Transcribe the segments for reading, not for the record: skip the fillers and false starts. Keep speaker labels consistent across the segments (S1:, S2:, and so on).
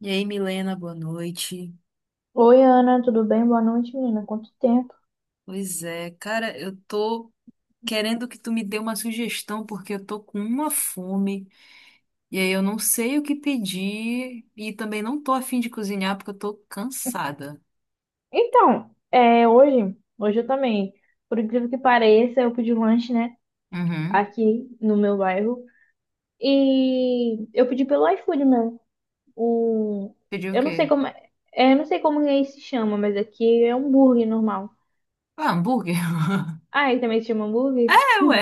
S1: E aí, Milena, boa noite.
S2: Oi, Ana, tudo bem? Boa noite, menina. Quanto tempo?
S1: Pois é, cara, eu tô querendo que tu me dê uma sugestão, porque eu tô com uma fome, e aí eu não sei o que pedir, e também não tô afim de cozinhar, porque eu tô cansada.
S2: Hoje, eu também, por incrível que pareça, eu pedi um lanche, né,
S1: Uhum.
S2: aqui no meu bairro. E eu pedi pelo iFood mesmo. Um,
S1: Pedir o
S2: eu não sei
S1: quê?
S2: como, eu não sei como aí se chama, mas aqui é hambúrguer normal.
S1: Ah, hambúrguer?
S2: Ah, aí também se chama hambúrguer?
S1: É, ué.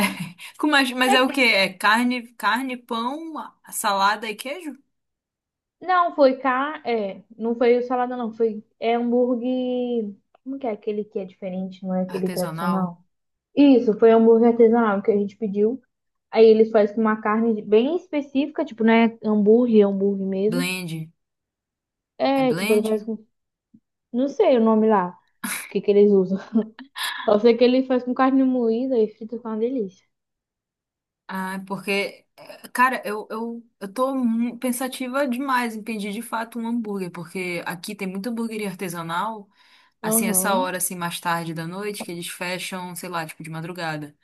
S1: Mas
S2: É
S1: é
S2: que
S1: o quê?
S2: tem.
S1: É carne, pão, salada e queijo?
S2: Não, foi cá, é, não foi salada não, foi é hambúrguer. Como que é aquele que é diferente, não é aquele
S1: Artesanal?
S2: tradicional? Isso, foi hambúrguer artesanal que a gente pediu. Aí ele faz com uma carne bem específica, tipo, não é hambúrguer, é hambúrguer mesmo.
S1: Blend? É
S2: É, tipo, ele faz
S1: blend?
S2: com. Não sei o nome lá, o que que eles usam. Só sei que ele faz com carne moída e frita com uma delícia.
S1: Ah, porque, cara, eu tô pensativa demais em pedir de fato um hambúrguer, porque aqui tem muita hambúrgueria artesanal, assim, essa
S2: Aham,
S1: hora, assim, mais tarde da noite, que eles fecham, sei lá, tipo, de madrugada.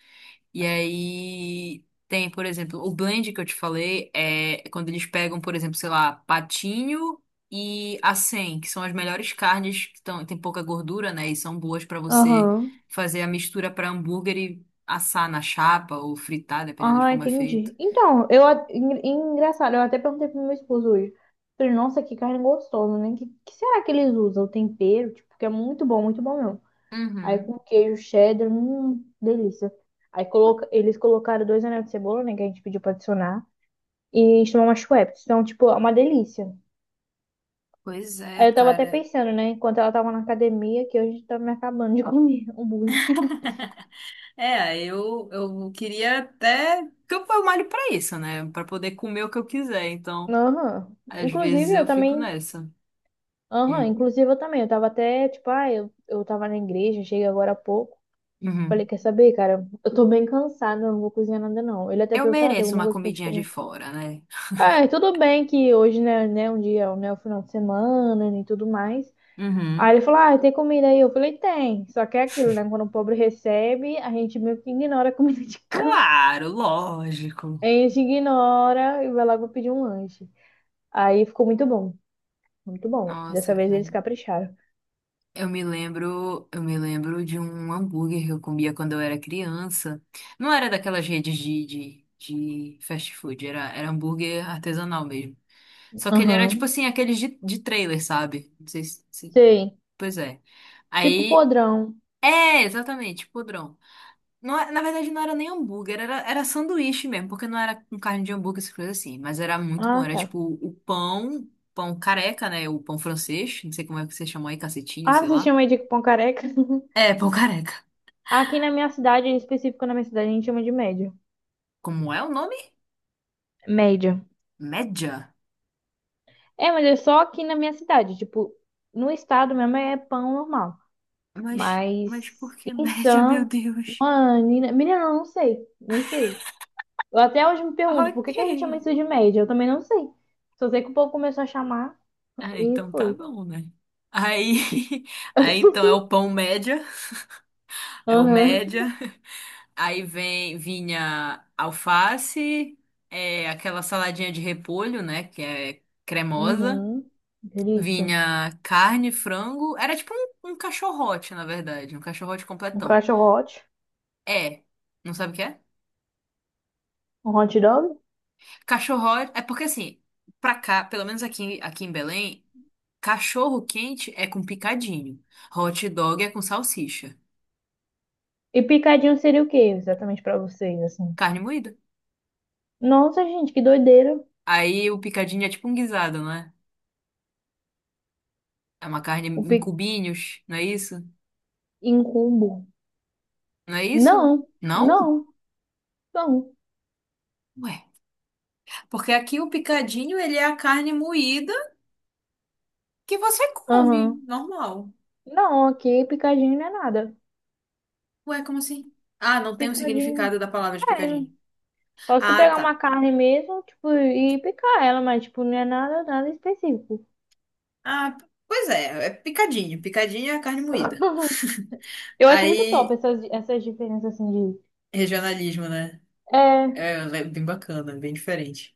S1: E aí tem, por exemplo, o blend que eu te falei é quando eles pegam, por exemplo, sei lá, patinho e acém, que são as melhores carnes que tão, tem pouca gordura, né? E são boas pra você
S2: aham.
S1: fazer a mistura pra hambúrguer e assar na chapa ou fritar, dependendo de
S2: Ah,
S1: como é feito.
S2: entendi. Engraçado, eu até perguntei pro meu esposo hoje. Falei, nossa, que carne gostosa, né? Que será que eles usam? O tempero, tipo, que é muito bom mesmo. Aí
S1: Uhum.
S2: com queijo cheddar, delícia. Aí coloca, eles colocaram 2 anéis de cebola, né, que a gente pediu pra adicionar. E chamam umas wraps. Então, tipo, é uma delícia.
S1: Pois é,
S2: Aí eu tava até
S1: cara.
S2: pensando, né, enquanto ela tava na academia, que hoje tá me acabando de comer hambúrguer.
S1: É, eu queria até. Porque eu malho pra isso, né? Pra poder comer o que eu quiser. Então,
S2: Aham.
S1: às
S2: Inclusive,
S1: vezes
S2: eu
S1: eu fico
S2: também.
S1: nessa.
S2: Aham,
S1: Hum.
S2: inclusive eu também. Eu tava até, tipo, ah, eu tava na igreja, cheguei agora há pouco. Falei,
S1: Uhum.
S2: quer saber, cara? Eu tô bem cansada, eu não vou cozinhar nada, não. Ele até
S1: Eu
S2: perguntou, ah, tem
S1: mereço
S2: alguma
S1: uma
S2: coisa pra gente
S1: comidinha de
S2: comer?
S1: fora, né?
S2: Ah, é, tudo bem que hoje, né, um dia, né, o final de semana né, e tudo mais. Aí ele
S1: Uhum.
S2: falou, ah, tem comida aí? Eu falei, tem. Só que é aquilo, né? Quando o pobre recebe, a gente meio que ignora a comida de cá.
S1: Claro, lógico.
S2: A gente ignora e vai logo pedir um lanche. Aí ficou muito bom. Muito bom.
S1: Nossa,
S2: Dessa vez
S1: cara.
S2: eles capricharam.
S1: Eu me lembro de um hambúrguer que eu comia quando eu era criança. Não era daquelas redes de fast food, era hambúrguer artesanal mesmo. Só que ele era tipo
S2: Aham.
S1: assim, aqueles de trailer, sabe? Não sei se.
S2: Sei.
S1: Pois é.
S2: Tipo
S1: Aí.
S2: podrão.
S1: É, exatamente, podrão. Na verdade, não era nem hambúrguer, era sanduíche mesmo, porque não era com carne de hambúrguer, essas coisas assim. Mas era muito bom.
S2: Ah,
S1: Era
S2: tá.
S1: tipo o pão, pão careca, né? O pão francês. Não sei como é que você chamou aí, cacetinho,
S2: Ah,
S1: sei
S2: vocês
S1: lá.
S2: chamam aí de pão careca?
S1: É, pão careca.
S2: Aqui na minha cidade, em específico na minha cidade, a gente chama de média.
S1: Como é o nome?
S2: Média.
S1: Média.
S2: É, mas é só aqui na minha cidade. Tipo, no estado mesmo é pão normal.
S1: Mas por
S2: Mas
S1: que
S2: em
S1: média, meu
S2: Sam,
S1: Deus?
S2: Ah, Nina... Menina, eu não sei. Não sei. Eu até hoje me pergunto por
S1: Ok.
S2: que que a gente chama isso de média. Eu também não sei. Só sei que o povo começou a chamar
S1: Ah,
S2: e
S1: então tá
S2: foi.
S1: bom, né? Aí, aí então é o pão média, é o
S2: Aham.
S1: média. Aí vem, vinha alface, é, aquela saladinha de repolho, né? Que é cremosa.
S2: Uhum. Delícia.
S1: Vinha carne, frango. Era tipo um cachorrote, na verdade. Um cachorrote
S2: Um
S1: completão.
S2: cachorro hot.
S1: É. Não sabe o que é?
S2: Um hot dog.
S1: Cachorrote. É porque assim, pra cá, pelo menos aqui, aqui em Belém, cachorro quente é com picadinho. Hot dog é com salsicha.
S2: E picadinho seria o quê exatamente pra vocês, assim?
S1: Carne moída.
S2: Nossa, gente, que doideira.
S1: Aí o picadinho é tipo um guisado, não é? É uma carne
S2: O
S1: em
S2: pic...
S1: cubinhos, não é isso?
S2: em combo.
S1: Não é isso?
S2: Não,
S1: Não?
S2: não, não.
S1: Ué. Porque aqui o picadinho, ele é a carne moída que você come,
S2: Aham.
S1: normal.
S2: Não, aqui picadinho não é nada.
S1: Ué, como assim? Ah, não tem o
S2: Picadinho.
S1: significado da palavra de
S2: É,
S1: picadinho.
S2: posso
S1: Ah,
S2: pegar uma
S1: tá.
S2: carne mesmo, tipo, e picar ela, mas, tipo, não é nada, nada específico.
S1: Ah, pois é, é picadinho. Picadinho é a carne moída.
S2: Eu acho muito top
S1: Aí,
S2: essas, essas diferenças, assim, de...
S1: regionalismo, né?
S2: É,
S1: É é bem bacana, bem diferente.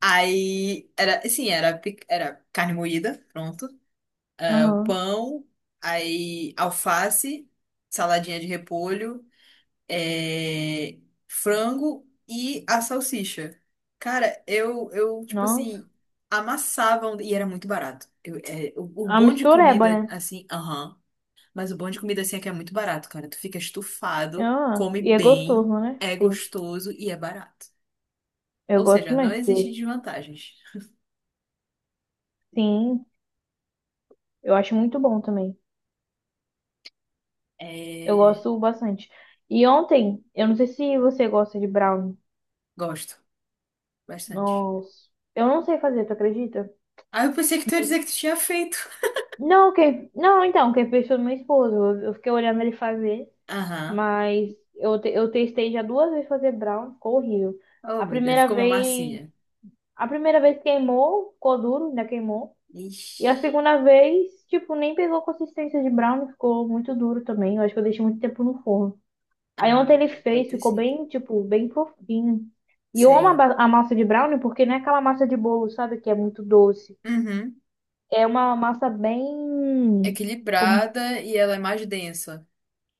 S1: Aí, era, sim, era, pic- era carne moída, pronto. Ah, o
S2: aham,
S1: pão, aí alface, saladinha de repolho. É, frango e a salsicha. Cara, tipo
S2: nossa.
S1: assim, amassavam e era muito barato. O
S2: A
S1: bom de
S2: mistureba,
S1: comida,
S2: né?
S1: assim, aham, mas o bom de comida, assim, é que é muito barato, cara. Tu fica estufado,
S2: Ah,
S1: come
S2: e é
S1: bem,
S2: gostoso, né?
S1: é
S2: Tem,
S1: gostoso e é barato.
S2: eu
S1: Ou
S2: gosto
S1: seja,
S2: também,
S1: não existe
S2: porque,
S1: desvantagens.
S2: sim, eu acho muito bom também. Eu
S1: É,
S2: gosto bastante. E ontem, eu não sei se você gosta de brownie.
S1: gosto bastante.
S2: Nossa, eu não sei fazer, tu acredita?
S1: Ah, eu pensei que tu ia
S2: Mas-
S1: dizer que tu tinha feito.
S2: Não, quem... Não, então, quem fez foi meu esposo. Eu fiquei olhando ele fazer.
S1: Aham.
S2: Mas eu testei já 2 vezes fazer brown, ficou horrível.
S1: Oh,
S2: A
S1: meu Deus,
S2: primeira
S1: ficou uma
S2: vez,
S1: massinha.
S2: a primeira vez queimou, ficou duro, ainda queimou. E
S1: Ixi.
S2: a segunda vez, tipo, nem pegou consistência de brown, ficou muito duro também. Eu acho que eu deixei muito tempo no forno. Aí ontem ele
S1: Ah, pode
S2: fez,
S1: ter
S2: ficou
S1: sido.
S2: bem, tipo, bem fofinho. E eu amo
S1: Sei.
S2: a massa de brownie porque não é aquela massa de bolo, sabe, que é muito doce.
S1: Uhum.
S2: É uma massa bem, como,
S1: Equilibrada e ela é mais densa.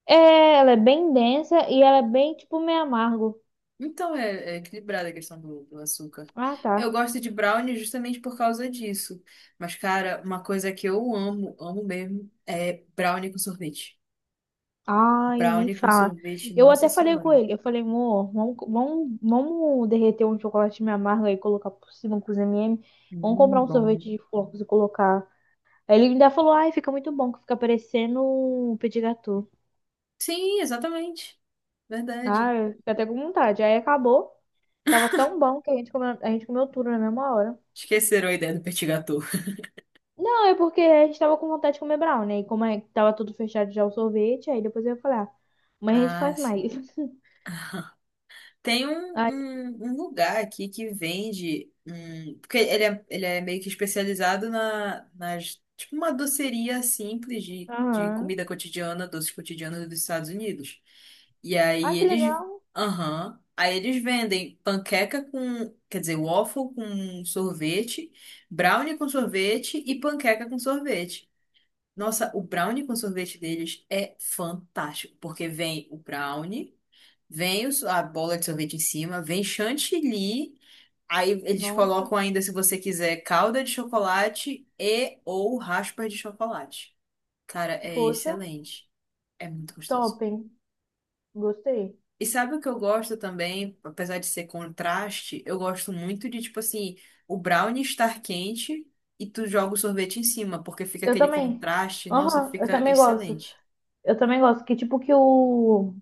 S2: é, ela é bem densa e ela é bem, tipo, meio amargo.
S1: Então é, é equilibrada a questão do, do açúcar.
S2: Ah,
S1: Eu
S2: tá.
S1: gosto de brownie justamente por causa disso. Mas, cara, uma coisa que eu amo, amo mesmo, é brownie com sorvete.
S2: Ai, nem
S1: Brownie com
S2: fala.
S1: sorvete,
S2: Eu
S1: nossa
S2: até falei com
S1: senhora.
S2: ele. Eu falei, amor, vamos derreter um chocolate meio amargo aí, colocar por cima com os M&M. Vamos comprar um
S1: Bom.
S2: sorvete de flocos e colocar. Aí ele ainda falou, ai, fica muito bom, que fica parecendo um petit gâteau.
S1: Sim, exatamente.
S2: Ah,
S1: Verdade.
S2: eu fiquei até com vontade. Aí acabou. Tava tão bom que a gente comeu tudo na mesma hora.
S1: Esqueceram a ideia do petit gâteau.
S2: Não, é porque a gente tava com vontade de comer brownie. E como é, que tava tudo fechado já o sorvete, aí depois eu ia falar, mas a gente
S1: Ah,
S2: faz mais.
S1: sim. Tem um,
S2: Aí,
S1: um, um lugar aqui que vende. Hum, porque ele é meio que especializado nas. Tipo uma doceria simples de
S2: aham.
S1: comida cotidiana, doces cotidianos dos Estados Unidos. E
S2: Ai,
S1: aí
S2: que
S1: eles.
S2: legal.
S1: Aham. Aí eles vendem panqueca com. Quer dizer, waffle com sorvete, brownie com sorvete e panqueca com sorvete. Nossa, o brownie com sorvete deles é fantástico, porque vem o brownie. A bola de sorvete em cima, vem chantilly. Aí eles
S2: Nossa.
S1: colocam ainda, se você quiser, calda de chocolate e ou raspa de chocolate. Cara, é
S2: Poxa,
S1: excelente. É muito gostoso.
S2: topem. Gostei.
S1: E sabe o que eu gosto também? Apesar de ser contraste, eu gosto muito de, tipo assim, o brownie estar quente e tu joga o sorvete em cima, porque fica
S2: Eu
S1: aquele
S2: também.
S1: contraste. Nossa,
S2: Aham, eu
S1: fica
S2: também gosto.
S1: excelente.
S2: Eu também gosto. Que tipo que o.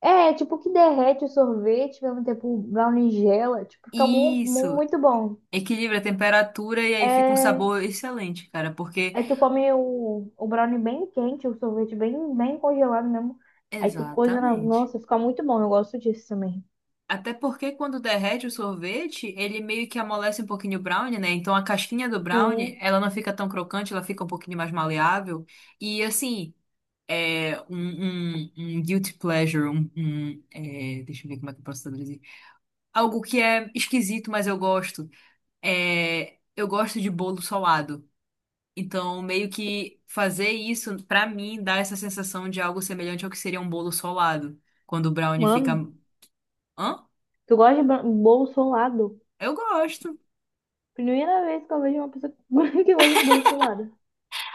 S2: É, tipo que derrete o sorvete, ao mesmo tempo o brownie gela. Tipo, fica
S1: Isso,
S2: muito bom.
S1: equilibra a temperatura e aí fica um
S2: É,
S1: sabor excelente, cara, porque
S2: aí tu come o brownie bem quente, o sorvete bem, bem congelado mesmo. Aí tu coisa na.
S1: exatamente.
S2: Nossa, fica muito bom. Eu gosto disso também.
S1: Até porque quando derrete o sorvete, ele meio que amolece um pouquinho o brownie, né? Então a casquinha do brownie,
S2: Sim.
S1: ela não fica tão crocante, ela fica um pouquinho mais maleável. E assim, é um guilty pleasure, deixa eu ver como é que eu posso traduzir. Algo que é esquisito, mas eu gosto. É, eu gosto de bolo solado. Então, meio que fazer isso, pra mim, dá essa sensação de algo semelhante ao que seria um bolo solado. Quando o brownie fica.
S2: Mano,
S1: Hã?
S2: tu gosta de bolo solado?
S1: Eu gosto.
S2: Primeira vez que eu vejo uma pessoa que gosta de bolo solado.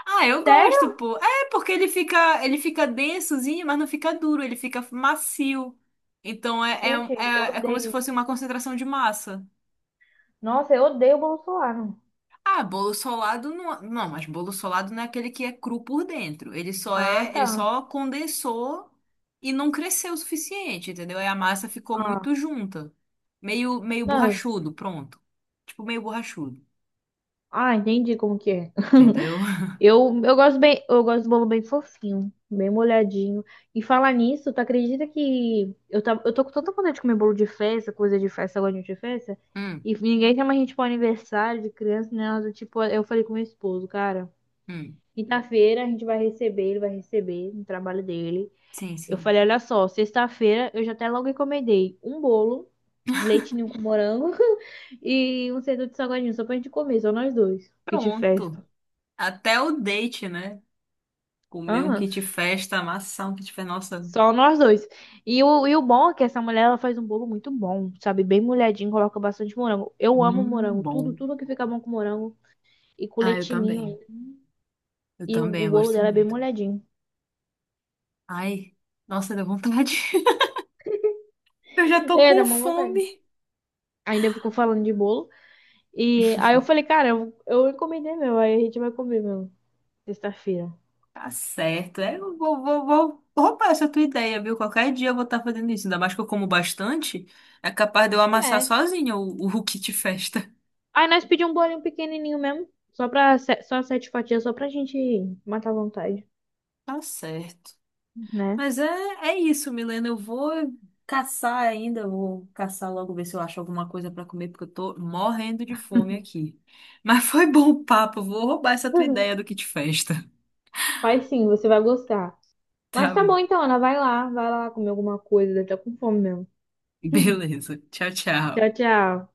S1: Ah, eu gosto,
S2: Sério?
S1: pô. É porque ele fica densozinho, mas não fica duro, ele fica macio. Então
S2: Gente, eu
S1: é como se
S2: odeio.
S1: fosse uma concentração de massa.
S2: Nossa, eu odeio o Bolsonaro.
S1: Ah, bolo solado não, não, mas bolo solado não é aquele que é cru por dentro.
S2: Ah,
S1: Ele
S2: tá.
S1: só condensou e não cresceu o suficiente, entendeu? E a massa ficou muito
S2: Ah,
S1: junta, meio
S2: não. eu-
S1: borrachudo, pronto. Tipo meio borrachudo,
S2: Ah, entendi como que é.
S1: entendeu?
S2: Eu gosto bem, eu gosto do bolo bem fofinho, bem molhadinho. E falar nisso, tu acredita que eu, tá, eu tô com tanta vontade de comer bolo de festa, coisa de festa, agora de festa,
S1: Hum,
S2: e ninguém chama a gente pra aniversário de criança, né? Nada do tipo, eu falei com meu esposo, cara,
S1: hum.
S2: quinta-feira a gente vai receber, ele vai receber no trabalho dele.
S1: Sim,
S2: Eu
S1: sim.
S2: falei, olha só, sexta-feira eu já até logo encomendei um bolo de leite ninho com morango. E um centro de salgadinho só pra gente comer, só nós 2. Que de festa.
S1: Pronto. Até o date, né? Comer um
S2: Aham,
S1: kit festa, amassar um kit festa. Nossa,
S2: só nós dois. E o bom é que essa mulher ela faz um bolo muito bom, sabe? Bem molhadinho, coloca bastante morango. Eu amo morango, tudo,
S1: bom.
S2: tudo que fica bom com morango e com
S1: Ah, eu
S2: leitinho
S1: também.
S2: ainda.
S1: Eu
S2: E
S1: também,
S2: o
S1: eu
S2: bolo
S1: gosto
S2: dela é bem
S1: muito.
S2: molhadinho.
S1: Ai, nossa, deu vontade. Eu já tô
S2: É, dá
S1: com
S2: uma vontade.
S1: fome.
S2: Ainda ficou falando de bolo. E aí eu falei, cara, eu encomendei meu, aí a gente vai comer meu, sexta-feira.
S1: Tá certo. É, eu vou, vou roubar essa tua ideia, viu? Qualquer dia eu vou estar fazendo isso. Ainda mais que eu como bastante. É capaz de eu amassar
S2: É.
S1: sozinha o kit festa.
S2: Aí nós pedimos um bolinho pequenininho mesmo, só pra, se- só 7 fatias, só pra gente matar a vontade.
S1: Tá certo.
S2: Né?
S1: Mas é, é isso, Milena. Eu vou caçar ainda, eu vou caçar logo, ver se eu acho alguma coisa para comer, porque eu tô morrendo de fome aqui. Mas foi bom o papo, eu vou roubar essa tua ideia do kit festa.
S2: Faz sim, você vai gostar. Mas
S1: Tá
S2: tá
S1: bom.
S2: bom então, Ana, vai lá comer alguma coisa, deve tá com fome mesmo.
S1: Beleza. Tchau, tchau.
S2: Tchau, tchau.